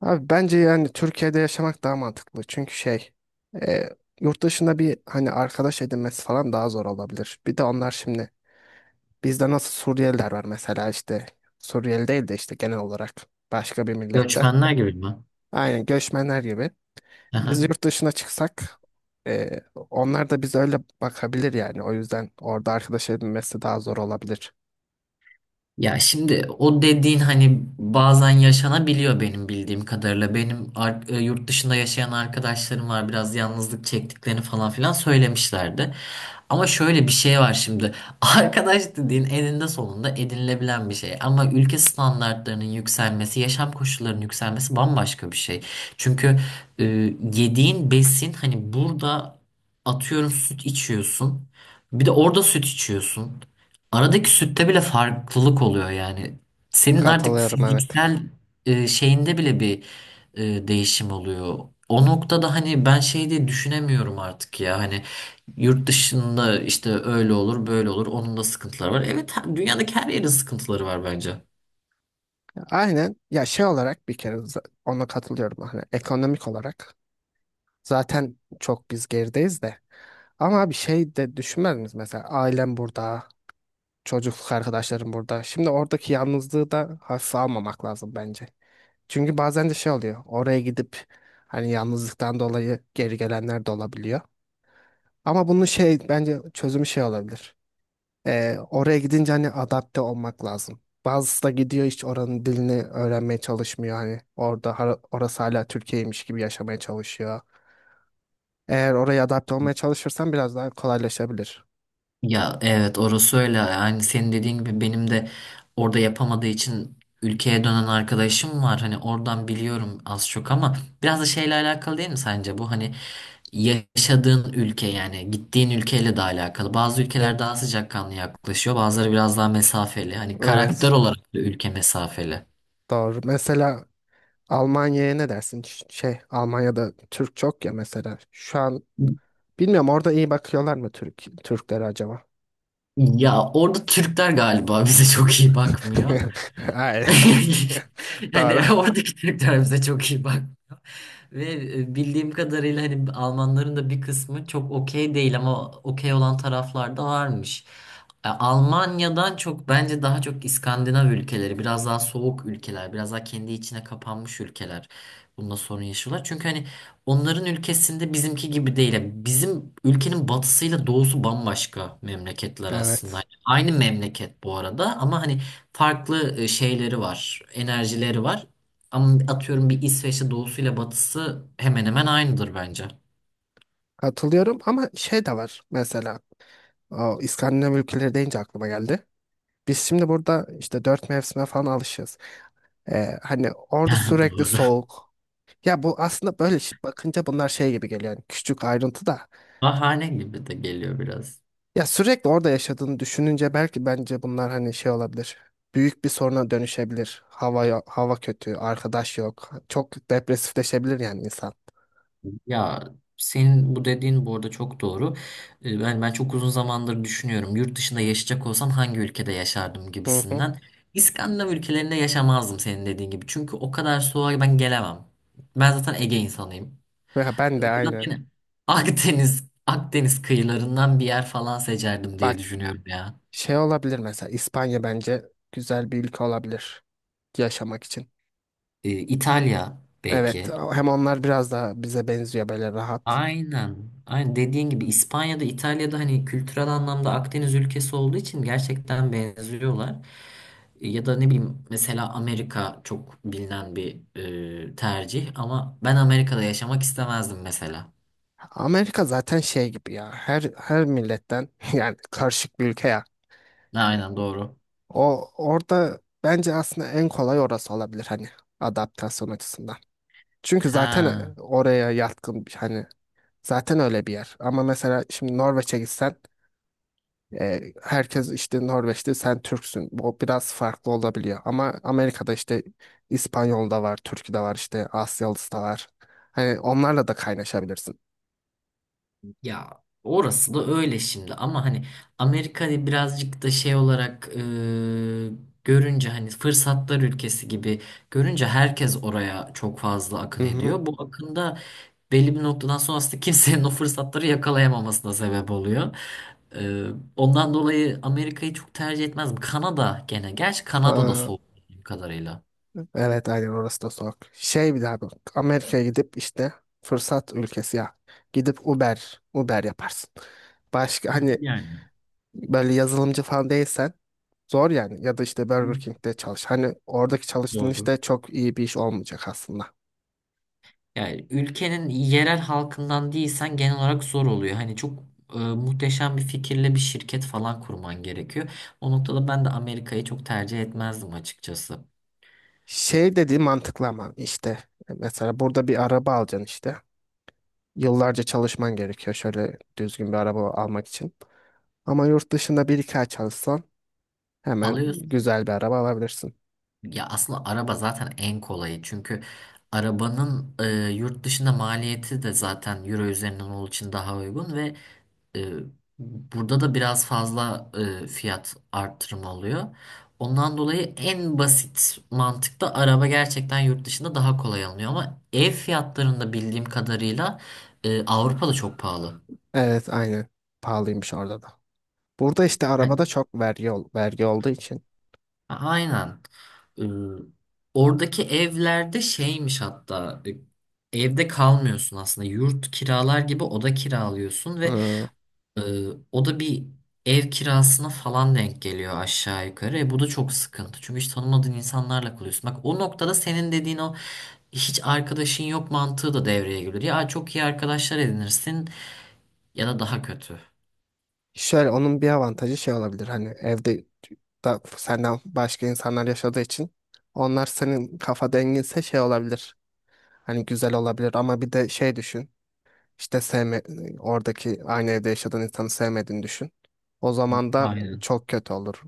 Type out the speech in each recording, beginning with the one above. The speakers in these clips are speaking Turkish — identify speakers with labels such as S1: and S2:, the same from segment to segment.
S1: Abi bence yani Türkiye'de yaşamak daha mantıklı. Çünkü şey e, yurt dışında bir hani arkadaş edinmesi falan daha zor olabilir. Bir de onlar şimdi bizde nasıl Suriyeliler var mesela işte Suriyeli değil de işte genel olarak başka bir milletten.
S2: Göçmenler gibi mi?
S1: Aynen göçmenler gibi. Biz
S2: Aha.
S1: yurt dışına çıksak e, onlar da bize öyle bakabilir yani. O yüzden orada arkadaş edinmesi daha zor olabilir.
S2: Ya şimdi o dediğin hani bazen yaşanabiliyor benim bildiğim kadarıyla. Benim yurt dışında yaşayan arkadaşlarım var, biraz yalnızlık çektiklerini falan filan söylemişlerdi. Ama şöyle bir şey var şimdi. Arkadaş dediğin eninde sonunda edinilebilen bir şey. Ama ülke standartlarının yükselmesi, yaşam koşullarının yükselmesi bambaşka bir şey. Çünkü e, yediğin besin, hani burada atıyorum süt içiyorsun. Bir de orada süt içiyorsun. Aradaki sütte bile farklılık oluyor yani. Senin artık
S1: Katılıyorum evet.
S2: fiziksel şeyinde bile bir değişim oluyor. O noktada hani ben şey diye düşünemiyorum artık ya. Hani yurt dışında işte öyle olur, böyle olur. Onun da sıkıntıları var. Evet, ha- dünyadaki her yerin sıkıntıları var bence.
S1: Aynen ya şey olarak bir kere ona katılıyorum hani ekonomik olarak zaten çok biz gerideyiz de. Ama bir şey de düşünmez misiniz? Mesela ailem burada, çocukluk arkadaşlarım burada. Şimdi oradaki yalnızlığı da hafife almamak lazım bence. Çünkü bazen de şey oluyor. Oraya gidip hani yalnızlıktan dolayı geri gelenler de olabiliyor. Ama bunun şey bence çözümü şey olabilir. Oraya gidince hani adapte olmak lazım. Bazısı da gidiyor, hiç oranın dilini öğrenmeye çalışmıyor. Hani orada orası hala Türkiye'ymiş gibi yaşamaya çalışıyor. Eğer oraya adapte olmaya çalışırsan biraz daha kolaylaşabilir.
S2: Ya evet, orası öyle. Yani senin dediğin gibi benim de orada yapamadığı için ülkeye dönen arkadaşım var. Hani oradan biliyorum az çok, ama biraz da şeyle alakalı değil mi sence bu? Hani yaşadığın ülke, yani gittiğin ülkeyle de alakalı. Bazı ülkeler daha sıcakkanlı yaklaşıyor, bazıları biraz daha mesafeli. Hani karakter
S1: Evet,
S2: olarak da ülke mesafeli.
S1: doğru. Mesela Almanya'ya ne dersin? Şey, Almanya'da Türk çok ya mesela. Şu an bilmiyorum, orada iyi bakıyorlar mı Türklere acaba?
S2: Ya orada Türkler galiba bize çok iyi bakmıyor.
S1: Hayır.
S2: Yani
S1: Doğru.
S2: oradaki Türkler bize çok iyi bakmıyor. Ve bildiğim kadarıyla hani Almanların da bir kısmı çok okey değil, ama okey olan taraflar da varmış. Almanya'dan çok, bence daha çok İskandinav ülkeleri, biraz daha soğuk ülkeler, biraz daha kendi içine kapanmış ülkeler bunda sorun yaşıyorlar. Çünkü hani onların ülkesinde bizimki gibi değil. Yani bizim ülkenin batısıyla doğusu bambaşka memleketler aslında. Yani
S1: Evet.
S2: aynı memleket bu arada, ama hani farklı şeyleri var, enerjileri var. Ama atıyorum bir İsveç'te doğusuyla batısı hemen hemen aynıdır bence.
S1: Katılıyorum ama şey de var mesela. O İskandinav ülkeleri deyince aklıma geldi. Biz şimdi burada işte dört mevsime falan alışız. Hani orada sürekli
S2: Doğru.
S1: soğuk. Ya bu aslında böyle bakınca bunlar şey gibi geliyor. Yani küçük ayrıntı da.
S2: Bahane gibi de geliyor biraz.
S1: Ya sürekli orada yaşadığını düşününce belki bence bunlar hani şey olabilir. Büyük bir soruna dönüşebilir. Hava hava kötü, arkadaş yok. Çok depresifleşebilir yani insan.
S2: Ya senin bu dediğin bu arada çok doğru. Ben çok uzun zamandır düşünüyorum. Yurt dışında yaşayacak olsam hangi ülkede yaşardım
S1: Hı hı.
S2: gibisinden. İskandinav ülkelerinde yaşamazdım senin dediğin gibi. Çünkü o kadar soğuğa ben gelemem. Ben zaten Ege insanıyım.
S1: Ve ben de
S2: O yüzden
S1: aynen.
S2: yine Akdeniz, Akdeniz kıyılarından bir yer falan seçerdim
S1: Bak,
S2: diye düşünüyorum ya.
S1: şey olabilir, mesela İspanya bence güzel bir ülke olabilir yaşamak için.
S2: İtalya
S1: Evet,
S2: belki.
S1: hem onlar biraz daha bize benziyor, böyle rahat.
S2: Aynen. Aynen dediğin gibi, İspanya'da, İtalya'da hani kültürel anlamda Akdeniz ülkesi olduğu için gerçekten benziyorlar. Ya da ne bileyim, mesela Amerika çok bilinen bir tercih, ama ben Amerika'da yaşamak istemezdim mesela.
S1: Amerika zaten şey gibi ya, her milletten yani karışık bir ülke ya.
S2: Aynen, doğru.
S1: O orada bence aslında en kolay orası olabilir, hani adaptasyon açısından. Çünkü zaten
S2: Ha.
S1: oraya yatkın hani zaten öyle bir yer. Ama mesela şimdi Norveç'e gitsen herkes işte Norveç'te sen Türksün. O biraz farklı olabiliyor. Ama Amerika'da işte İspanyol da var, Türk de var, işte Asyalısı da var. Hani onlarla da kaynaşabilirsin.
S2: Ya orası da öyle şimdi, ama hani Amerika'yı birazcık da şey olarak görünce, hani fırsatlar ülkesi gibi görünce herkes oraya çok fazla akın
S1: Hı
S2: ediyor. Bu akında belli bir noktadan sonra aslında kimsenin o fırsatları yakalayamamasına sebep oluyor. E, ondan dolayı Amerika'yı çok tercih etmez. Kanada gene. Gerçi Kanada da
S1: hı.
S2: soğuk bildiğim kadarıyla.
S1: Evet, aynen, orası da soğuk. Şey, bir daha bak. Amerika'ya gidip işte fırsat ülkesi ya. Gidip Uber yaparsın. Başka hani
S2: Yani.
S1: böyle yazılımcı falan değilsen zor yani. Ya da işte Burger King'de çalış. Hani oradaki çalıştığın
S2: Doğru.
S1: işte çok iyi bir iş olmayacak aslında.
S2: Yani ülkenin yerel halkından değilsen genel olarak zor oluyor. Hani çok muhteşem bir fikirle bir şirket falan kurman gerekiyor. O noktada ben de Amerika'yı çok tercih etmezdim açıkçası.
S1: Şey dediği mantıklı ama işte mesela burada bir araba alacaksın işte. Yıllarca çalışman gerekiyor şöyle düzgün bir araba almak için. Ama yurt dışında bir iki ay çalışsan hemen
S2: Alıyorsun.
S1: güzel bir araba alabilirsin.
S2: Ya aslında araba zaten en kolayı. Çünkü arabanın yurt dışında maliyeti de zaten euro üzerinden olduğu için daha uygun ve E, burada da biraz fazla fiyat artırımı oluyor. Ondan dolayı en basit mantıkta araba gerçekten yurt dışında daha kolay alınıyor, ama ev fiyatlarında bildiğim kadarıyla Avrupa'da çok pahalı.
S1: Evet, aynı, pahalıymış orada da. Burada işte arabada
S2: Hani-
S1: çok vergi, vergi olduğu için.
S2: Aynen. E, oradaki evlerde şeymiş hatta, evde kalmıyorsun aslında, yurt kiralar gibi oda kiralıyorsun ve
S1: Hmm,
S2: Ee, o da bir ev kirasına falan denk geliyor aşağı yukarı. Bu da çok sıkıntı. Çünkü hiç tanımadığın insanlarla kalıyorsun. Bak, o noktada senin dediğin o hiç arkadaşın yok mantığı da devreye giriyor. Ya çok iyi arkadaşlar edinirsin, ya da daha kötü.
S1: şöyle onun bir avantajı şey olabilir, hani evde da senden başka insanlar yaşadığı için onlar senin kafa denginse şey olabilir. Hani güzel olabilir ama bir de şey düşün. İşte oradaki aynı evde yaşadığın insanı sevmediğini düşün. O zaman da
S2: Aynen.
S1: çok kötü olur.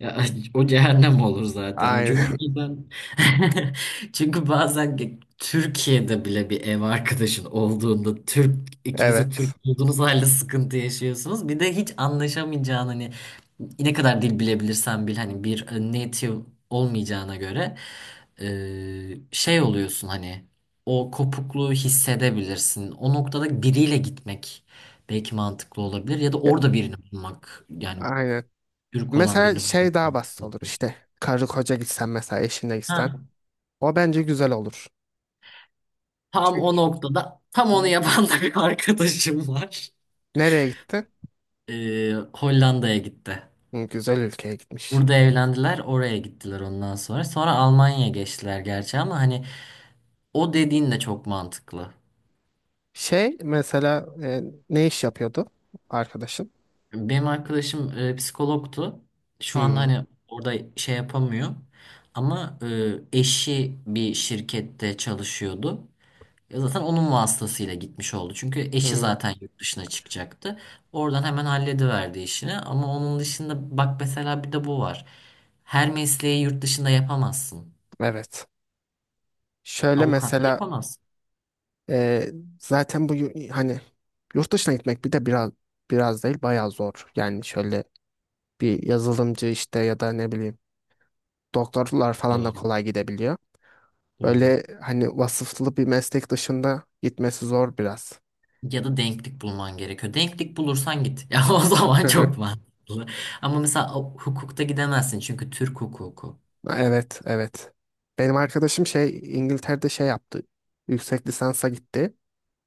S2: Ya, o cehennem olur zaten. Çünkü
S1: Aynen.
S2: bazen Türkiye'de bile bir ev arkadaşın olduğunda, Türk, ikiniz de Türk
S1: Evet.
S2: olduğunuz halde sıkıntı yaşıyorsunuz. Bir de hiç anlaşamayacağın, hani ne kadar dil bilebilirsen bil hani bir native olmayacağına göre şey oluyorsun, hani o kopukluğu hissedebilirsin. O noktada biriyle gitmek belki mantıklı olabilir, ya da
S1: Ya,
S2: orada birini bulmak, yani
S1: aynen.
S2: Türk olan
S1: Mesela
S2: birini bulmak
S1: şey daha basit olur
S2: zorundayım.
S1: işte. Karı koca gitsen, mesela eşinle gitsen.
S2: Ha,
S1: O bence güzel olur.
S2: tam o
S1: Çünkü
S2: noktada tam
S1: hı
S2: onu
S1: hı.
S2: yapan da bir arkadaşım var.
S1: Nereye gitti?
S2: Hollanda'ya gitti.
S1: Hı, güzel ülkeye gitmiş.
S2: Burada evlendiler, oraya gittiler ondan sonra. Sonra Almanya'ya geçtiler gerçi, ama hani o dediğin de çok mantıklı.
S1: Şey, mesela ne iş yapıyordu arkadaşın?
S2: Benim arkadaşım psikologtu. Şu anda
S1: Hı,
S2: hani orada şey yapamıyor. Ama eşi bir şirkette çalışıyordu. Ya zaten onun vasıtasıyla gitmiş oldu. Çünkü eşi
S1: hı,
S2: zaten yurt dışına çıkacaktı. Oradan hemen hallediverdi işini. Ama onun dışında bak, mesela bir de bu var. Her mesleği yurt dışında yapamazsın.
S1: evet. Şöyle
S2: Avukatlık
S1: mesela
S2: yapamazsın.
S1: Ee, zaten bu hani yurt dışına gitmek bir de biraz değil bayağı zor. Yani şöyle bir yazılımcı işte ya da ne bileyim doktorlar falan da
S2: Doğru.
S1: kolay gidebiliyor.
S2: Doğru.
S1: Böyle hani vasıflı bir meslek dışında gitmesi zor biraz.
S2: Ya da denklik bulman gerekiyor. Denklik bulursan git. Ya o zaman çok mantıklı. Ama mesela hukukta gidemezsin, çünkü Türk hukuku.
S1: Evet, evet. Benim arkadaşım şey İngiltere'de şey yaptı. Yüksek lisansa gitti.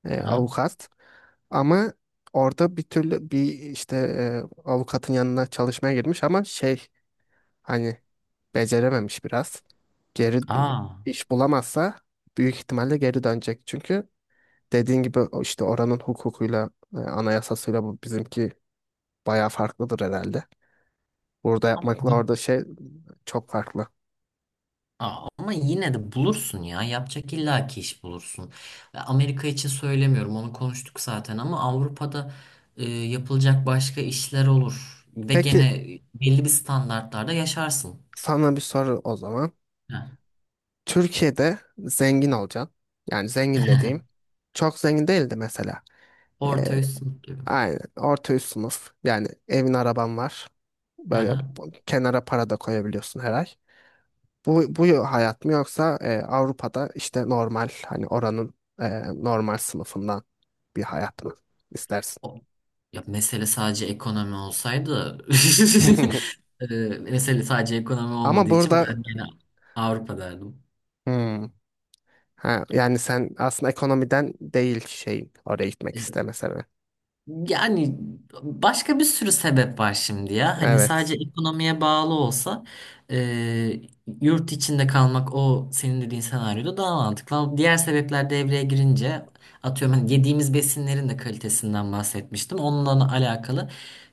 S2: Ha?
S1: Avukat. Ama orada bir türlü bir işte avukatın yanına çalışmaya girmiş ama şey hani becerememiş biraz. Geri
S2: Aa.
S1: iş bulamazsa büyük ihtimalle geri dönecek. Çünkü dediğin gibi o işte oranın hukukuyla, anayasasıyla bu bizimki bayağı farklıdır herhalde. Burada yapmakla orada şey çok farklı.
S2: Aa, ama yine de bulursun ya. Yapacak illaki iş bulursun. Amerika için söylemiyorum. Onu konuştuk zaten, ama Avrupa'da yapılacak başka işler olur. Ve
S1: Peki,
S2: gene belli bir standartlarda yaşarsın.
S1: sana bir soru o zaman.
S2: Ha.
S1: Türkiye'de zengin olacaksın. Yani zengin dediğim çok zengin değildi mesela. E,
S2: Orta üst sınıf gibi.
S1: aynen orta üst sınıf. Yani evin, araban var.
S2: Hı
S1: Böyle
S2: hı.
S1: kenara para da koyabiliyorsun her ay. Bu hayat mı, yoksa Avrupa'da işte normal hani oranın normal sınıfından bir hayat mı istersin?
S2: O- Ya mesele sadece ekonomi olsaydı e, mesele sadece ekonomi
S1: Ama
S2: olmadığı için
S1: burada
S2: ben gene Avrupa derdim.
S1: hmm. Ha, yani sen aslında ekonomiden değil şeyin oraya gitmek isteme sebebi.
S2: Yani başka bir sürü sebep var şimdi ya. Hani sadece
S1: Evet,
S2: ekonomiye bağlı olsa e, yurt içinde kalmak o senin dediğin senaryoda daha mantıklı. Ama diğer sebepler devreye girince atıyorum hani yediğimiz besinlerin de kalitesinden bahsetmiştim. Onunla alakalı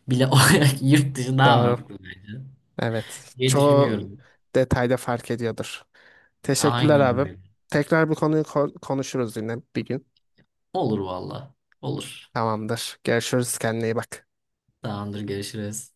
S2: bile olarak yurt dışı daha
S1: doğru,
S2: mantıklı bence
S1: evet,
S2: diye
S1: çoğu
S2: düşünüyorum.
S1: detayda fark ediyordur. Teşekkürler
S2: Aynen
S1: abim.
S2: öyle.
S1: Tekrar bu konuyu konuşuruz yine bir gün.
S2: Olur valla. Olur.
S1: Tamamdır. Görüşürüz, kendine iyi bak.
S2: Tamamdır, görüşürüz.